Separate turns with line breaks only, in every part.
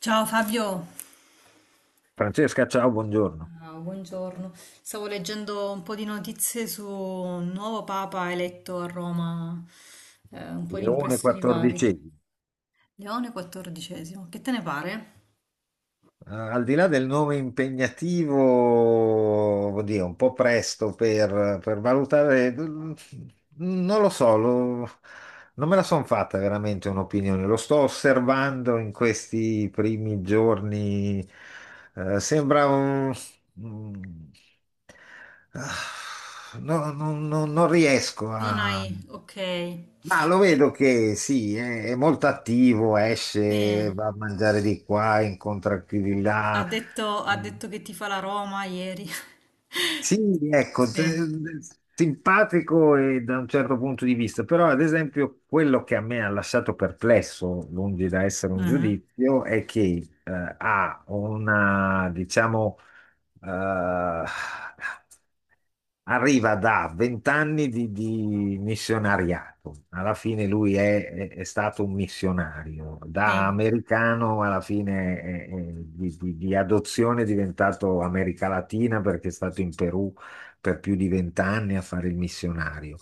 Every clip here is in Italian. Ciao Fabio.
Francesca, ciao, buongiorno.
Ah, buongiorno. Stavo leggendo un po' di notizie su un nuovo papa eletto a Roma, un po' di
Leone
impressioni varie.
14,
Leone XIV, che te ne pare?
al di là del nome impegnativo, oddio, un po' presto per valutare, non lo so, non me la sono fatta veramente un'opinione. Lo sto osservando in questi primi giorni. Sembra un... un- non riesco
Non hai...
a.
Ok.
Ma lo
Per-
vedo che sì, è molto attivo, esce,
sì.
va a mangiare di qua, incontra chi di là.
Ha detto che ti fa la Roma ieri.
Sì, ecco,
Sì.
te- simpatico, e da un certo punto di vista, però ad esempio quello che a me ha lasciato perplesso, lungi da essere un
Mhm.
giudizio, è che ha una, diciamo, eh, arriva da vent'anni di missionariato. Alla fine lui è, è stato un missionario. Da
Sì.
americano, alla fine è di, di adozione è diventato America Latina, perché è stato in Perù per più di vent'anni a fare il missionario.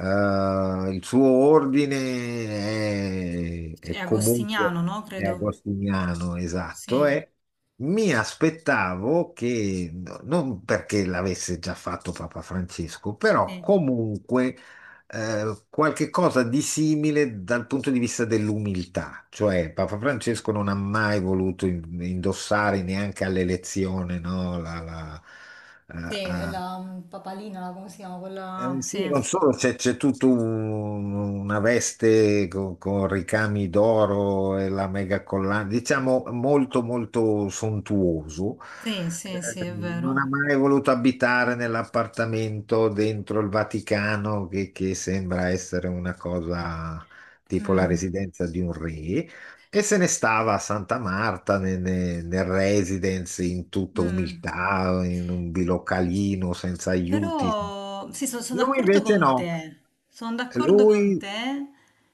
Il suo ordine
È
è
agostiniano,
comunque
no?
è
Credo.
agostiniano, esatto,
Sì,
è mi aspettavo che, non perché l'avesse già fatto Papa Francesco, però
sì.
comunque qualche cosa di simile dal punto di vista dell'umiltà. Cioè, Papa Francesco non ha mai voluto indossare neanche all'elezione, no,
Sì,
eh,
è
eh,
la papalina, come si chiama? Quella... Sì.
sì, non solo. C'è c'è tutta una veste con ricami d'oro e la mega collana, diciamo molto molto sontuoso.
Sì, sì, sì, è
Non ha
vero.
mai voluto abitare nell'appartamento dentro il Vaticano, che sembra essere una cosa tipo la
Mm,
residenza di un re, e se ne stava a Santa Marta, nel residence, in tutta
mm.
umiltà, in un bilocalino, senza aiuti.
Però sì, sono
Lui
d'accordo
invece
con
no,
te, sono d'accordo con
lui...
te,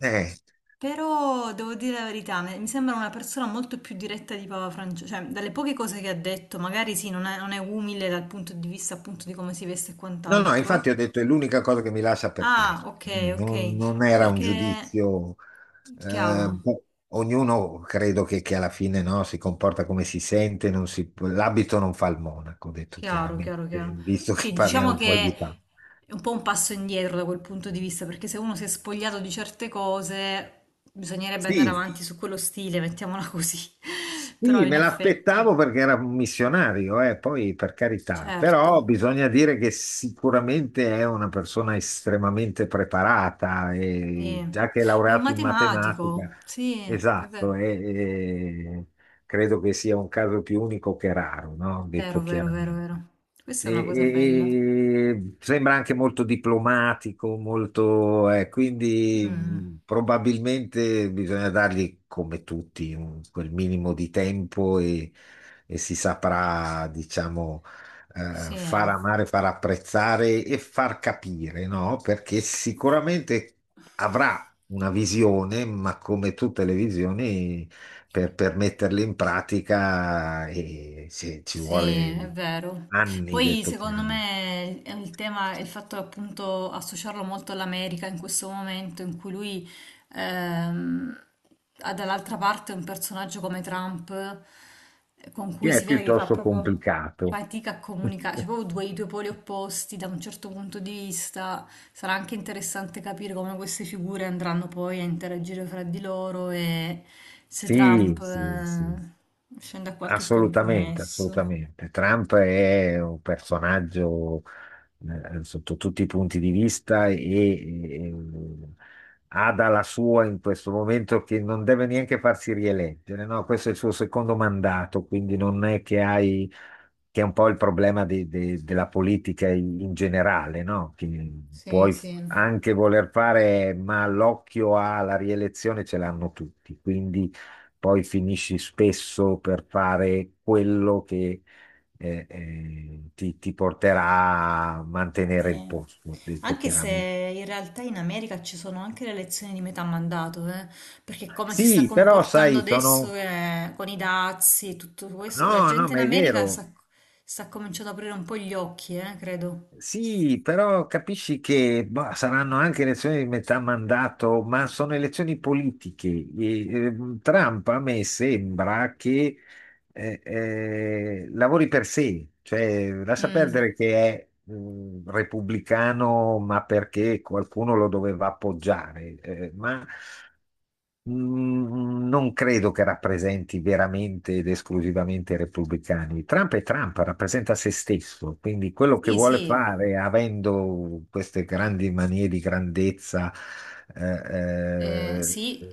eh.
però devo dire la verità, mi sembra una persona molto più diretta di Papa Francesco, cioè dalle poche cose che ha detto, magari sì, non è umile dal punto di vista appunto di come si veste e
No, no, infatti
quant'altro.
ho detto è l'unica cosa che mi lascia
Ah,
perplesso.
ok, ok,
Non, non era un
perché
giudizio,
chiaro.
boh, ognuno credo che alla fine no, si comporta come si sente, non si- l'abito non fa il monaco, ho detto
Chiaro, chiaro,
chiaramente,
chiaro.
visto che
Sì, diciamo
parliamo poi
che
di tanto.
è un po' un passo indietro da quel punto di vista, perché se uno si è spogliato di certe cose, bisognerebbe andare
Sì,
avanti su quello stile, mettiamola così. Però
sì,
in
me
effetti,
l'aspettavo perché era un missionario, poi per carità, però
certo,
bisogna dire che sicuramente è una persona estremamente preparata,
sì.
e già che è
È un
laureato in matematica,
matematico, sì, è
esatto,
vero,
e credo che sia un caso più unico che raro, no?
vero,
Detto
vero, vero,
chiaramente.
vero. Questa
E,
è una cosa bella.
e sembra anche molto diplomatico, molto, quindi
Mm,
probabilmente bisogna dargli come tutti quel minimo di tempo, e si saprà, diciamo, far
sì.
amare, far apprezzare e far capire, no? Perché sicuramente avrà una visione, ma come tutte le visioni per metterle in pratica e se ci
Sì, è
vuole
vero.
anni,
Poi
detto
secondo
chiaramente.
me il tema, il fatto appunto associarlo molto all'America in questo momento in cui lui ehm, ha dall'altra parte un personaggio come Trump, con
Sì,
cui
è
si vede che fa
piuttosto
proprio
complicato.
fatica a comunicare, cioè proprio i due poli opposti da un certo punto di vista. Sarà anche interessante capire come queste figure andranno poi a interagire fra di loro e se
Sì,
Trump
sì, sì,
scende a qualche
assolutamente,
compromesso.
assolutamente. Trump è un personaggio sotto tutti i punti di vista, e, e ha dalla sua in questo momento che non deve neanche farsi rieleggere, no? Questo è il suo secondo mandato, quindi non è che hai, che è un po' il problema della politica in, in generale, no? Che
Sì,
puoi
sì,
anche voler fare, ma l'occhio alla rielezione ce l'hanno tutti, quindi poi finisci spesso per fare quello che ti, ti porterà a mantenere il
sì.
posto, detto
Anche
chiaramente.
se in realtà in America ci sono anche le elezioni di metà mandato, eh. Perché come si sta
Sì, però
comportando
sai,
adesso
sono...
con i dazi e tutto questo, la
No, no,
gente in
ma è
America
vero.
sta, sta cominciando ad aprire un po' gli occhi, credo.
Sì, però capisci che boh, saranno anche elezioni di metà mandato, ma sono elezioni politiche. E, Trump a me sembra che lavori per sé, cioè lascia
Mm.
perdere che è repubblicano, ma perché qualcuno lo doveva appoggiare, ma mm, non credo che rappresenti veramente ed esclusivamente i repubblicani. Trump è Trump, rappresenta se stesso, quindi quello che
Sì,
vuole
sì.
fare, avendo queste grandi manie di grandezza, eh, eh,
Sì,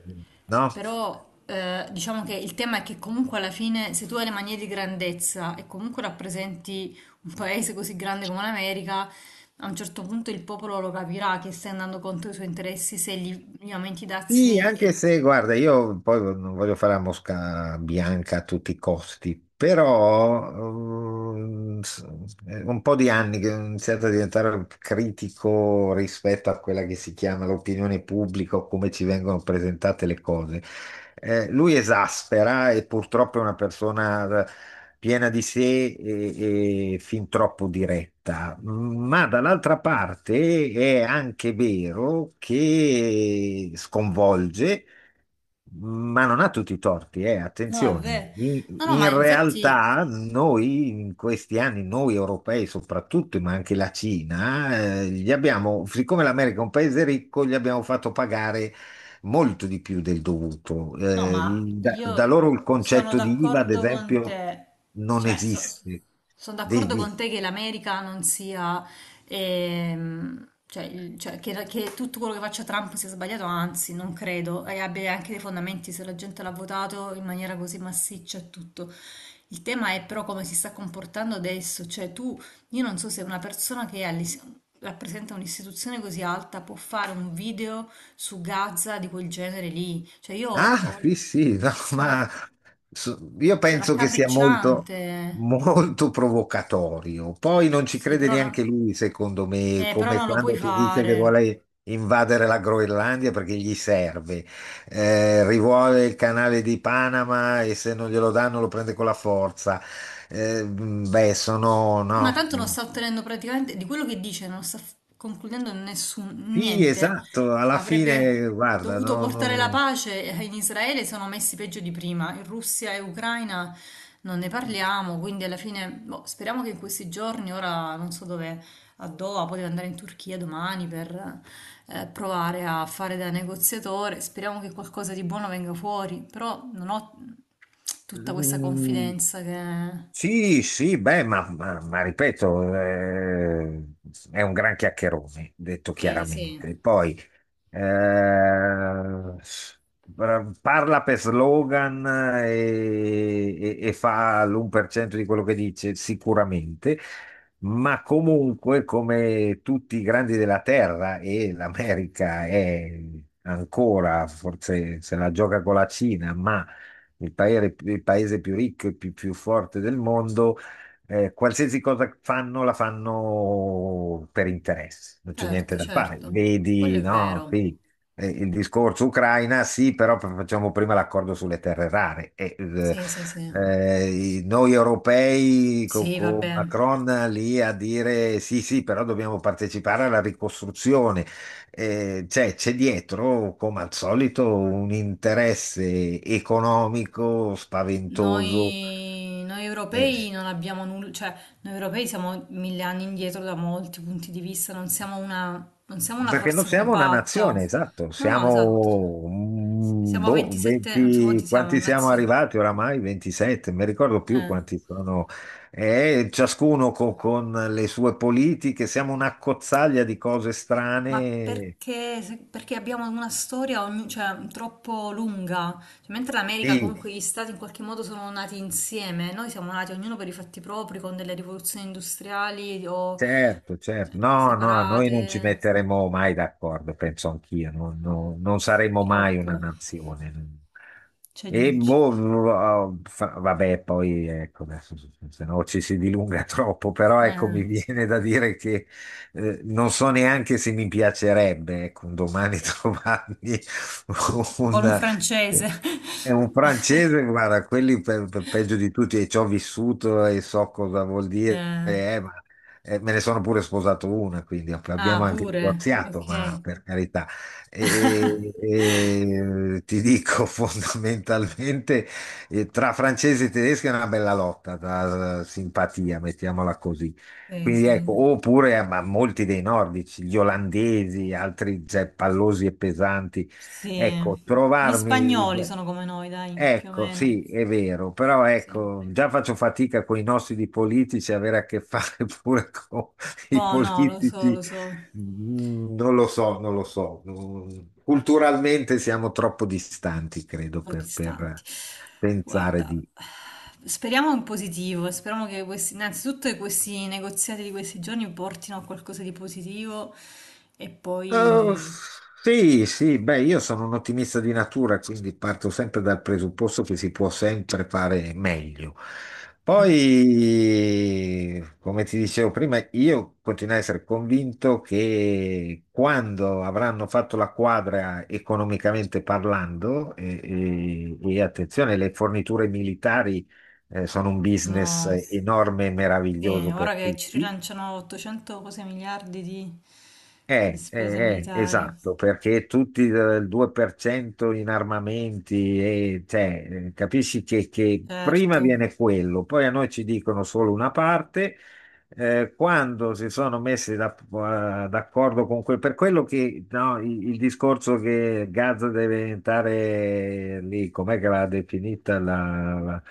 no?
però diciamo che il tema è che comunque alla fine se tu hai le manie di grandezza e comunque rappresenti un paese così grande come l'America, a un certo punto il popolo lo capirà che stai andando contro i suoi interessi se gli aumenti i
Sì,
dazi.
anche se, guarda, io poi non voglio fare la mosca bianca a tutti i costi, però ehm, s- è un po' di anni che ho iniziato a diventare critico rispetto a quella che si chiama l'opinione pubblica o come ci vengono presentate le cose. Lui esaspera, e purtroppo è una persona piena di sé e fin troppo diretta, ma dall'altra parte è anche vero che sconvolge, ma non ha tutti i torti,
No, è
attenzione.
vero.
In,
No, no, ma
in
infatti
realtà noi in questi anni, noi europei soprattutto, ma anche la Cina, gli abbiamo, siccome l'America è un paese ricco, gli abbiamo fatto pagare molto di più del dovuto.
no, ma
Da, da
io
loro il
sono
concetto di IVA, ad
d'accordo con
esempio,
te,
non
cioè
esiste.
sono
Di,
d'accordo
di-
con te che l'America non sia, cioè, il- cioè, che tutto quello che faccia Trump sia sbagliato, anzi non credo, e abbia anche dei fondamenti se la gente l'ha votato in maniera così massiccia e tutto. Il tema è però come si sta comportando adesso, cioè tu, io non so se una persona che rappresenta un'istituzione così alta può fare un video su Gaza di quel genere lì. Cioè
Ah, sì, sì, no,
sono-
ma io penso che sia molto,
raccapricciante.
molto provocatorio. Poi non ci
Sì,
crede
però,
neanche lui, secondo me,
però
come
non lo puoi
quando ti dice che
fare.
vuole invadere la Groenlandia perché gli serve. Rivuole il canale di Panama e se non glielo danno lo prende con la forza. Beh, sono,
Ma
no.
tanto non sta ottenendo praticamente di quello che dice, non sta f- concludendo nessun
Sì,
niente.
esatto, alla
Avrebbe
fine, guarda,
dovuto
no,
portare la
no.
pace e in Israele sono messi peggio di prima. In Russia e Ucraina non ne parliamo, quindi alla fine boh, speriamo che in questi giorni, ora non so dove, a Doha, poteva andare in Turchia domani per provare a fare da negoziatore. Speriamo che qualcosa di buono venga fuori, però non ho tutta questa
Mm,
confidenza che...
sì, sì, beh, ma, ma ripeto, è un gran chiacchierone, detto
Sì, sì.
chiaramente. Poi eh, parla per slogan e, e fa l'1% di quello che dice, sicuramente, ma comunque, come tutti i grandi della Terra, e l'America è ancora, forse se la gioca con la Cina, ma il paese più ricco e più, più forte del mondo, qualsiasi cosa fanno la fanno per interesse, non c'è niente
Certo,
da fare.
certo, quello
Vedi,
è
no,
vero.
sì, il discorso Ucraina, sì, però facciamo prima l'accordo sulle terre rare. E,
Sì, sì, sì.
noi europei
Sì,
con
vabbè.
Macron lì a dire sì, sì, però dobbiamo partecipare alla ricostruzione cioè, c'è dietro, come al solito, un interesse economico spaventoso,
Noi europei
eh,
non abbiamo nulla, cioè noi europei siamo mille anni indietro da molti punti di vista, non siamo una
perché non
forza
siamo una
compatta.
nazione, esatto,
No, esatto.
siamo, mm,
Siamo
boh,
27, non so quanti
20,
siamo,
quanti siamo
nazioni.
arrivati oramai? 27, non mi ricordo più quanti sono. Ciascuno con le sue politiche, siamo una cozzaglia di cose
Ma
strane.
perché, perché abbiamo una storia cioè, troppo lunga? Cioè, mentre l'America,
Sì,
comunque, gli stati in qualche modo sono nati insieme, noi siamo nati ognuno per i fatti propri, con delle rivoluzioni industriali o
certo, certo. No, no, noi non ci
separate.
metteremo mai d'accordo, penso anch'io. Non, non saremo mai una
Troppo.
nazione.
Cioè,
E
ci-
boh, vabbè, poi ecco, adesso se no ci si dilunga troppo, però ecco,
eh,
mi viene da dire che non so neanche se mi piacerebbe, ecco, un domani trovarmi
con un
un,
francese.
è un francese, guarda, quelli peggio di tutti, e ci ho vissuto e so cosa vuol dire,
Eh,
ma me ne sono pure sposato una, quindi abbiamo
ah,
anche
pure.
divorziato,
Ok.
ma per carità. E, e ti dico fondamentalmente, tra francesi e tedeschi è una bella lotta, da simpatia, mettiamola così.
Sì,
Quindi
sì.
ecco, oppure ma molti dei nordici, gli olandesi, altri cioè, pallosi e pesanti.
Sì.
Ecco,
Gli
trovarmi...
spagnoli sono come noi, dai, più o
Ecco,
meno.
sì, è vero, però
Sì.
ecco, già faccio fatica con i nostri politici, avere a che fare pure con i
Oh no,
politici,
lo so,
mm, non lo so, non lo so. Mm, culturalmente siamo troppo distanti, credo,
ho gli stanti.
per pensare
Guarda,
di...
speriamo in positivo, speriamo che questi, innanzitutto che questi negoziati di questi giorni portino a qualcosa di positivo e
Eh,
poi...
sì, sì, beh, io sono un ottimista di natura, quindi parto sempre dal presupposto che si può sempre fare meglio.
Mm,
Poi, come ti dicevo prima, io continuo a essere convinto che quando avranno fatto la quadra economicamente parlando, e, e attenzione, le forniture militari, sono un business
sono-
enorme e
sì,
meraviglioso
ora
per
che ci
tutti.
rilanciano 800 cose miliardi di spese militari,
Esatto, perché tutti del 2% in armamenti, e, cioè, capisci che prima
certo.
viene quello, poi a noi ci dicono solo una parte, quando si sono messi d'accordo con quel, per quello che no, il discorso che Gaza deve diventare lì, com'è che l'ha definita la,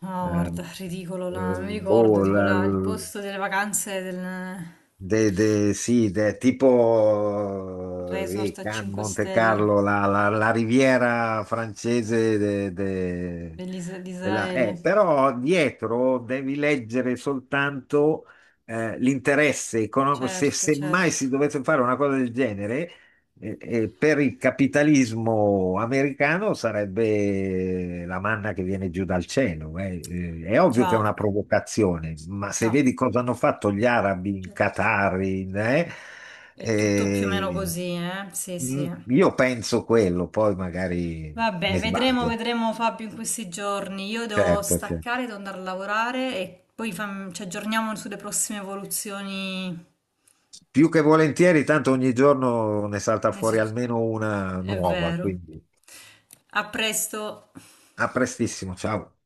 No,
eh,
guarda, ridicolo, la- mi ricordo
boh,
tipo la- il posto delle vacanze del il
Sì, tipo
resort
lì,
a
Cannes,
5
Monte
stelle.
Carlo, la, la riviera francese
Di
della-
Israele,
però dietro devi leggere soltanto l'interesse economico. Se,
certo,
se mai
certo,
si dovesse fare una cosa del genere, e per il capitalismo americano sarebbe la manna che viene giù dal cielo. Eh. È ovvio che è
già,
una provocazione, ma se
già,
vedi cosa hanno fatto gli arabi in
certo.
Qatar, in,
È tutto più o meno
eh,
così, eh? Sì,
mm,
sì.
io penso quello, poi magari
Vabbè,
mi
vedremo,
sbaglio.
vedremo Fabio in questi giorni. Io devo
Certo, certo.
staccare, devo andare a lavorare e poi ci aggiorniamo sulle prossime evoluzioni.
Più che volentieri, tanto ogni giorno ne salta
nei
fuori
succe-
almeno una
È
nuova,
vero.
quindi
A presto.
a prestissimo, ciao.